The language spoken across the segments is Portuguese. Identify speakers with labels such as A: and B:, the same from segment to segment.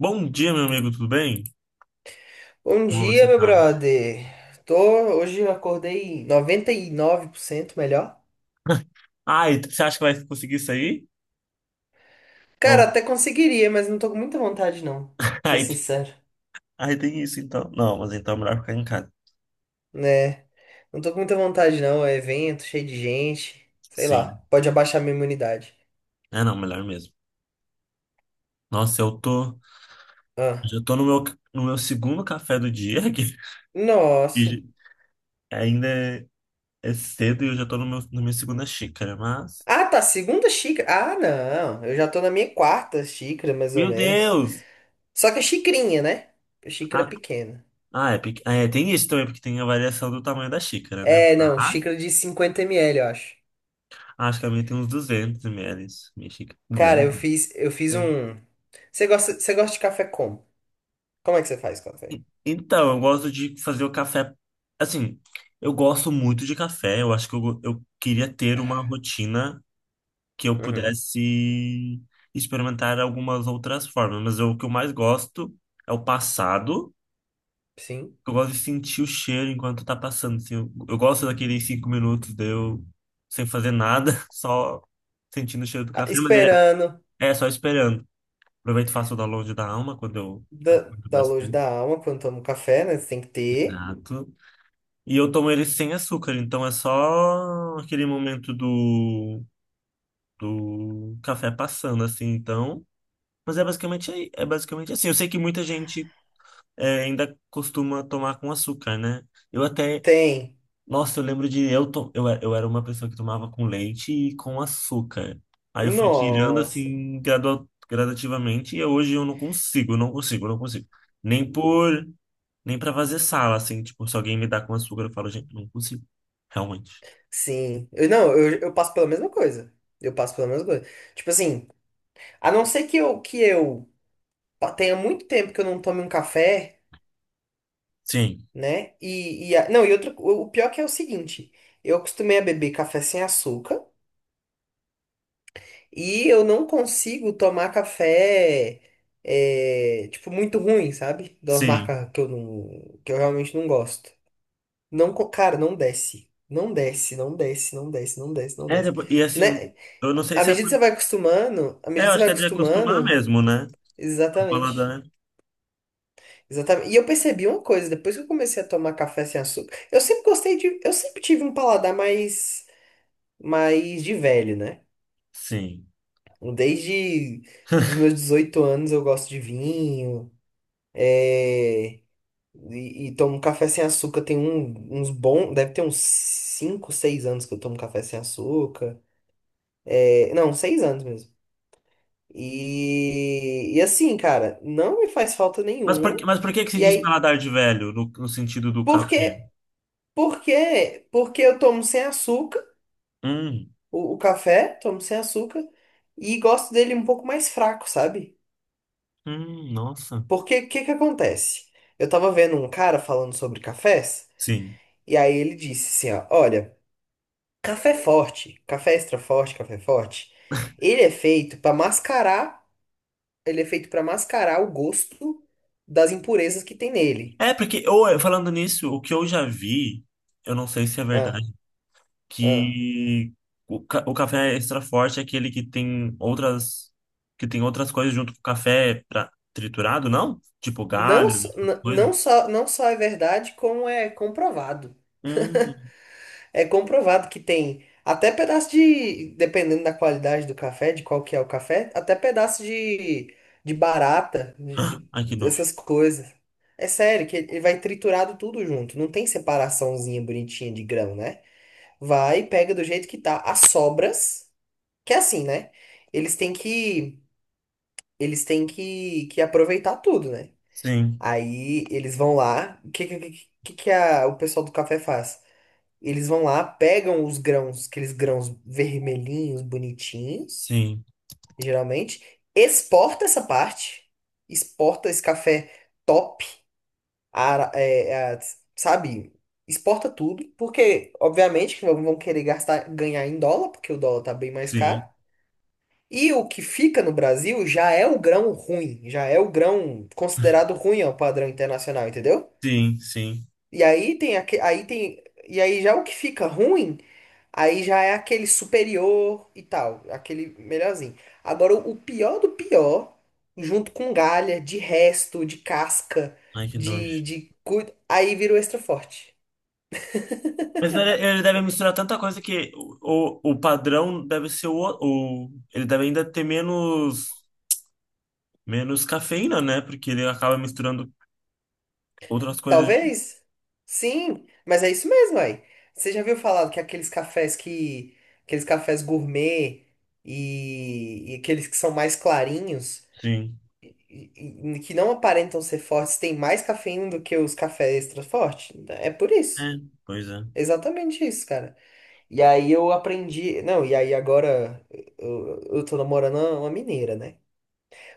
A: Bom dia, meu amigo, tudo bem?
B: Bom
A: Como
B: dia,
A: você
B: meu
A: tá?
B: brother. Tô. Hoje eu acordei 99% melhor.
A: Ah, e você acha que vai conseguir sair?
B: Cara,
A: Ou...
B: até conseguiria, mas não tô com muita vontade, não. Pra ser
A: Aí,
B: sincero,
A: aí, tem isso, então. Não, mas então é melhor ficar em casa.
B: né? Não tô com muita vontade, não. É evento, cheio de gente. Sei lá,
A: Sim.
B: pode abaixar minha imunidade.
A: É, não, melhor mesmo. Nossa,
B: Ah.
A: Já tô no meu segundo café do dia, que
B: Nossa.
A: e ainda é cedo e eu já tô no meu, na minha segunda xícara, mas...
B: Ah, tá, segunda xícara. Ah, não. Eu já tô na minha quarta xícara, mais ou
A: Meu
B: menos.
A: Deus!
B: Só que é xicrinha, né? Xícara
A: Ah,
B: pequena.
A: é, tem isso também, porque tem a variação do tamanho da xícara, né?
B: É, não,
A: Mas
B: xícara de 50 ml, eu acho.
A: acho que a minha tem uns 200 ml. Minha xícara,
B: Cara, eu
A: 200,
B: fiz, eu fiz
A: né?
B: um. Você gosta de café como? Como é que você faz café?
A: Então, eu gosto de fazer o café. Assim, eu gosto muito de café. Eu acho que eu queria ter uma rotina que eu
B: Uhum.
A: pudesse experimentar algumas outras formas. O que eu mais gosto é o passado.
B: Sim.
A: Eu gosto de sentir o cheiro enquanto tá passando. Assim, eu gosto daqueles 5 minutos de eu sem fazer nada, só sentindo o cheiro do
B: Ah,
A: café. Mas ele
B: esperando
A: é só esperando. Aproveito e faço o download da alma quando eu acordo
B: download
A: bastante.
B: da alma quando toma um café, né? Você tem que ter.
A: E eu tomo ele sem açúcar, então é só aquele momento do café passando, assim, então. Mas é basicamente assim. Eu sei que muita gente ainda costuma tomar com açúcar, né? Eu até.
B: Tem.
A: Nossa, eu lembro de. Eu era uma pessoa que tomava com leite e com açúcar. Aí eu fui tirando,
B: Nossa.
A: assim, gradativamente, e hoje eu não consigo, não consigo, não consigo. Nem por. Nem pra fazer sala, assim, tipo, se alguém me dá com açúcar, eu falo, gente, não consigo, realmente.
B: Sim. Eu, não, eu passo pela mesma coisa. Eu passo pela mesma coisa. Tipo assim, a não ser que tenha muito tempo que eu não tome um café.
A: Sim,
B: Né? E não, e outro, o pior que é o seguinte, eu acostumei a beber café sem açúcar e eu não consigo tomar café, é, tipo muito ruim, sabe? De umas
A: sim.
B: marcas que eu não, que eu realmente não gosto. Não, cara, não desce. Não desce, não desce, não desce, não desce, não
A: É,
B: desce.
A: e assim,
B: Né?
A: eu não sei
B: À
A: se é
B: medida que
A: por...
B: você vai acostumando, à
A: É,
B: medida
A: eu
B: que você
A: acho
B: vai
A: que é de acostumar
B: acostumando,
A: mesmo, né? O
B: exatamente.
A: paladar.
B: Exatamente. E eu percebi uma coisa, depois que eu comecei a tomar café sem açúcar, eu sempre tive um paladar mais mas de velho, né?
A: Sim.
B: Desde os meus 18 anos eu gosto de vinho, é, e tomo um café sem açúcar. Tem uns bons, deve ter uns 5, 6 anos que eu tomo café sem açúcar. É, não, 6 anos mesmo. E assim, cara, não me faz falta
A: Mas por, que-
B: nenhuma.
A: mas por que que se
B: E
A: diz
B: aí,
A: paladar de velho, no sentido do
B: por
A: café?
B: quê? Por quê? Porque eu tomo sem açúcar,
A: Hum,
B: o café, tomo sem açúcar, e gosto dele um pouco mais fraco, sabe?
A: nossa.
B: Porque o que que acontece? Eu tava vendo um cara falando sobre cafés,
A: Sim.
B: e aí ele disse assim, ó, olha, café forte, café extra forte, café forte, ele é feito para mascarar, ele é feito para mascarar o gosto das impurezas que tem nele.
A: É, porque, ou, falando nisso, o que eu já vi, eu não sei se é
B: Ah,
A: verdade,
B: ah.
A: que o café extra forte é aquele que tem outras coisas junto com o café pra, triturado, não? Tipo
B: Não,
A: galho,
B: não
A: coisa.
B: só, não só é verdade, como é comprovado.
A: Hum,
B: É comprovado que tem até pedaço de, dependendo da qualidade do café, de qual que é o café, até pedaço de barata,
A: ai que nojo.
B: essas coisas. É sério, que ele vai triturado tudo junto. Não tem separaçãozinha bonitinha de grão, né? Vai, pega do jeito que tá. As sobras, que é assim, né? Eles têm que, eles têm que aproveitar tudo, né?
A: Sim,
B: Aí eles vão lá. O que o pessoal do café faz? Eles vão lá, pegam os grãos, aqueles grãos vermelhinhos, bonitinhos,
A: sim,
B: geralmente, exporta essa parte, exporta esse café top, ara- é, é, sabe? Exporta tudo, porque, obviamente, que vão querer gastar, ganhar em dólar, porque o dólar tá bem mais caro.
A: sim,
B: E o que fica no Brasil já é o grão ruim, já é o grão considerado ruim ao padrão internacional, entendeu?
A: sim, sim.
B: E aí tem aque aí tem e aí já o que fica ruim. Aí já é aquele superior e tal, aquele melhorzinho. Agora, o pior do pior, junto com galha, de resto, de casca.
A: Ai, que nojo.
B: Aí vira o extra forte.
A: Mas ele deve misturar tanta coisa que o padrão deve ser o. Ele deve ainda ter menos cafeína, né? Porque ele acaba misturando outras coisas.
B: Talvez? Sim, mas é isso mesmo aí. Você já viu falar que aqueles cafés que. Aqueles cafés gourmet e aqueles que são mais clarinhos,
A: Sim.
B: e- que não aparentam ser fortes, têm mais cafeína do que os cafés extra fortes? É por
A: É,
B: isso.
A: pois é.
B: Exatamente isso, cara. E aí eu aprendi. Não, e aí agora eu tô namorando uma mineira, né?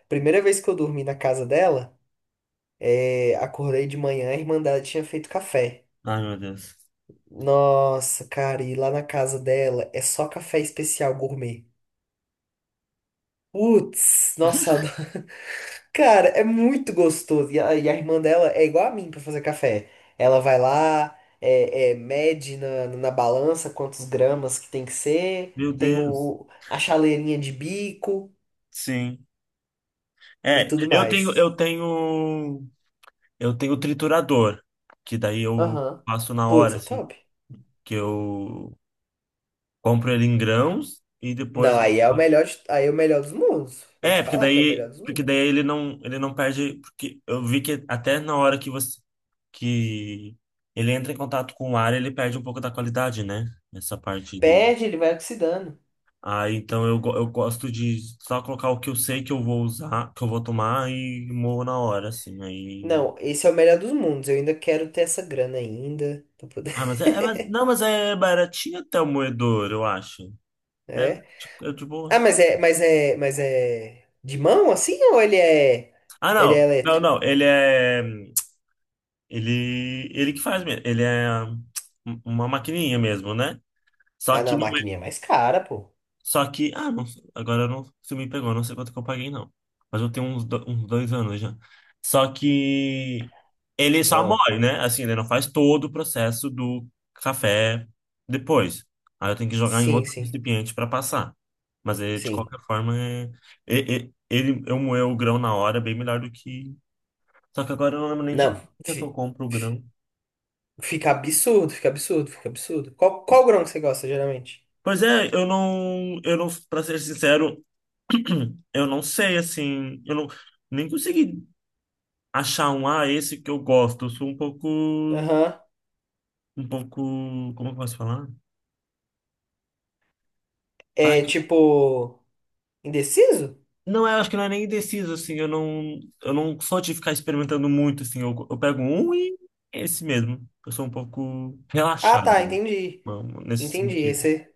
B: Primeira vez que eu dormi na casa dela, acordei de manhã, a irmã dela tinha feito café.
A: Ai, meu Deus.
B: Nossa, cara, e lá na casa dela é só café especial gourmet. Putz, nossa, eu adoro. Cara, é muito gostoso. E a irmã dela é igual a mim pra fazer café. Ela vai lá, mede na balança quantos gramas que tem que ser,
A: Meu
B: tem
A: Deus.
B: a chaleirinha de bico.
A: Sim.
B: E
A: É,
B: tudo
A: eu tenho,
B: mais.
A: eu tenho, eu tenho triturador, que daí eu
B: Aham.
A: faço na
B: Putz,
A: hora,
B: é
A: assim,
B: top.
A: que eu compro ele em grãos e depois.
B: Não, aí é o melhor, aí é o melhor dos mundos. Vou te
A: É, porque
B: falar que é o
A: daí,
B: melhor dos
A: porque
B: mundos.
A: daí ele não perde, porque eu vi que até na hora que você que ele entra em contato com o ar, ele perde um pouco da qualidade, né? Essa parte do.
B: Perde, ele vai oxidando.
A: Ah, então eu gosto de só colocar o que eu sei que eu vou usar, que eu vou tomar e moo na hora, assim. Aí.
B: Não, esse é o melhor dos mundos. Eu ainda quero ter essa grana ainda pra poder.
A: Ah, mas é, é mas- não, mas é baratinho até o moedor, eu acho. É,
B: É.
A: tipo, é de
B: Ah,
A: boa.
B: mas é de mão assim ou ele é
A: Ah,
B: ele é
A: não. Não,
B: elétrico?
A: não. Ele é. Ele que faz mesmo. Ele é uma maquininha mesmo, né? Só
B: Ah, não,
A: que
B: a
A: não é.
B: maquininha é mais cara, pô.
A: Só que. Ah, não, agora não se me pegou, não sei quanto que eu paguei, não. Mas eu tenho uns 2 anos já. Só que ele só
B: Não.
A: morre, né? Assim, ele não faz todo o processo do café depois. Aí eu tenho que jogar em
B: Sim,
A: outro
B: sim.
A: recipiente para passar. Mas ele, de
B: Sim.
A: qualquer forma, eu moer o grão na hora é bem melhor do que. Só que agora eu não lembro nem de
B: Não,
A: quanto que eu compro o grão.
B: fica absurdo, fica absurdo, fica absurdo. Qual grão que você gosta geralmente?
A: Pois é, eu não, para ser sincero, eu não sei, assim, eu não, nem consegui achar esse que eu gosto. Eu sou um pouco,
B: Aham.
A: um pouco, como eu posso falar? Ai,
B: É tipo, indeciso?
A: não, eu acho que não é nem indeciso, assim, eu não sou de ficar experimentando muito, assim, eu pego um e é esse mesmo. Eu sou um pouco
B: Ah,
A: relaxado,
B: tá,
A: né?
B: entendi.
A: Não, nesse
B: Entendi. Aí
A: sentido.
B: você,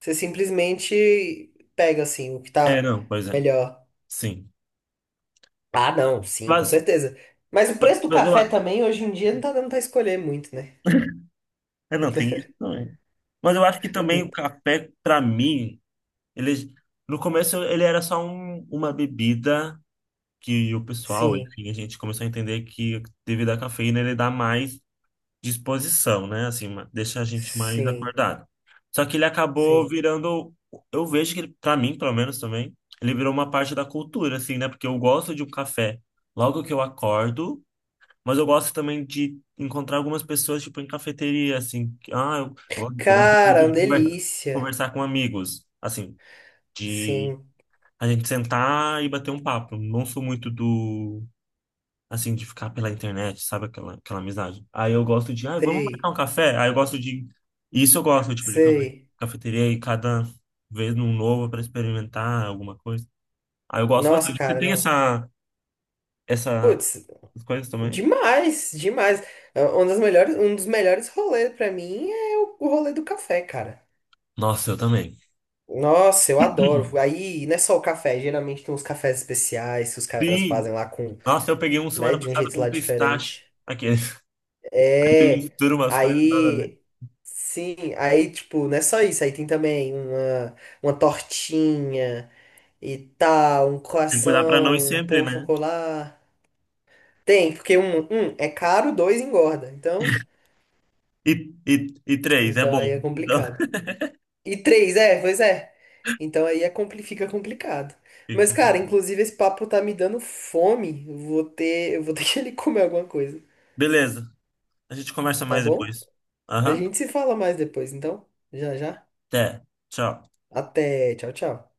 B: você simplesmente pega assim o que
A: É,
B: tá
A: não, pois é,
B: melhor.
A: sim.
B: Ah, não, sim, com
A: Mas,
B: certeza. Mas o
A: mas
B: preço do
A: eu,
B: café
A: a-
B: também hoje em dia não tá dando pra escolher muito, né?
A: não, tem isso também. Mas eu acho que também o café, pra mim, Ele, no começo ele era só uma bebida que o pessoal,
B: Sim,
A: enfim, a gente começou a entender que devido à cafeína ele dá mais disposição, né? Assim, deixa a gente mais
B: sim,
A: acordado. Só que ele acabou
B: sim.
A: virando, eu vejo que ele, para mim, pelo menos também, ele virou uma parte da cultura, assim, né? Porque eu gosto de um café logo que eu acordo, mas eu gosto também de encontrar algumas pessoas, tipo, em cafeteria, assim, que, ah, eu gosto muito
B: Cara,
A: de
B: uma delícia.
A: conversar com amigos, assim de
B: Sim,
A: a gente sentar e bater um papo. Não sou muito assim, de ficar pela internet, sabe? Aquela amizade. Aí eu gosto de, ah, vamos marcar
B: sei,
A: um café? Aí eu gosto de, Isso eu gosto, tipo, de
B: sei.
A: cafeteria e cada vez num novo para experimentar alguma coisa. Aí eu gosto
B: Nossa,
A: bastante. Você
B: cara,
A: tem
B: não.
A: essa,
B: Putz,
A: essas coisas também?
B: demais, demais. É, um dos melhores rolês pra mim é o rolê do café, cara.
A: Nossa, eu também.
B: Nossa, eu adoro. Aí não é só o café, geralmente tem uns cafés especiais que os caras fazem
A: Sim!
B: lá com,
A: Nossa, eu peguei um
B: né,
A: semana
B: de um
A: passada
B: jeito
A: com
B: lá
A: pistache.
B: diferente.
A: Aqueles. Aí eu
B: É.
A: misturo umas coisas nada a ver.
B: Aí sim, aí tipo, não é só isso, aí tem também uma tortinha e tal, um
A: Tem que cuidar pra não ir
B: croissant, um
A: sempre,
B: pão
A: né?
B: chocolat. Tem, porque um é caro, dois engorda. Então,
A: E, e, e três, é
B: então
A: bom.
B: aí é
A: Então,
B: complicado. E três, é, pois é. Então aí é fica complicado.
A: Fica
B: Mas, cara,
A: complicado.
B: inclusive esse papo tá me dando fome. Eu vou ter que ali comer alguma coisa,
A: Beleza, a gente conversa
B: tá
A: mais
B: bom?
A: depois.
B: A
A: Aham,
B: gente se fala mais depois, então. Já, já.
A: até. Tchau.
B: Até, tchau, tchau.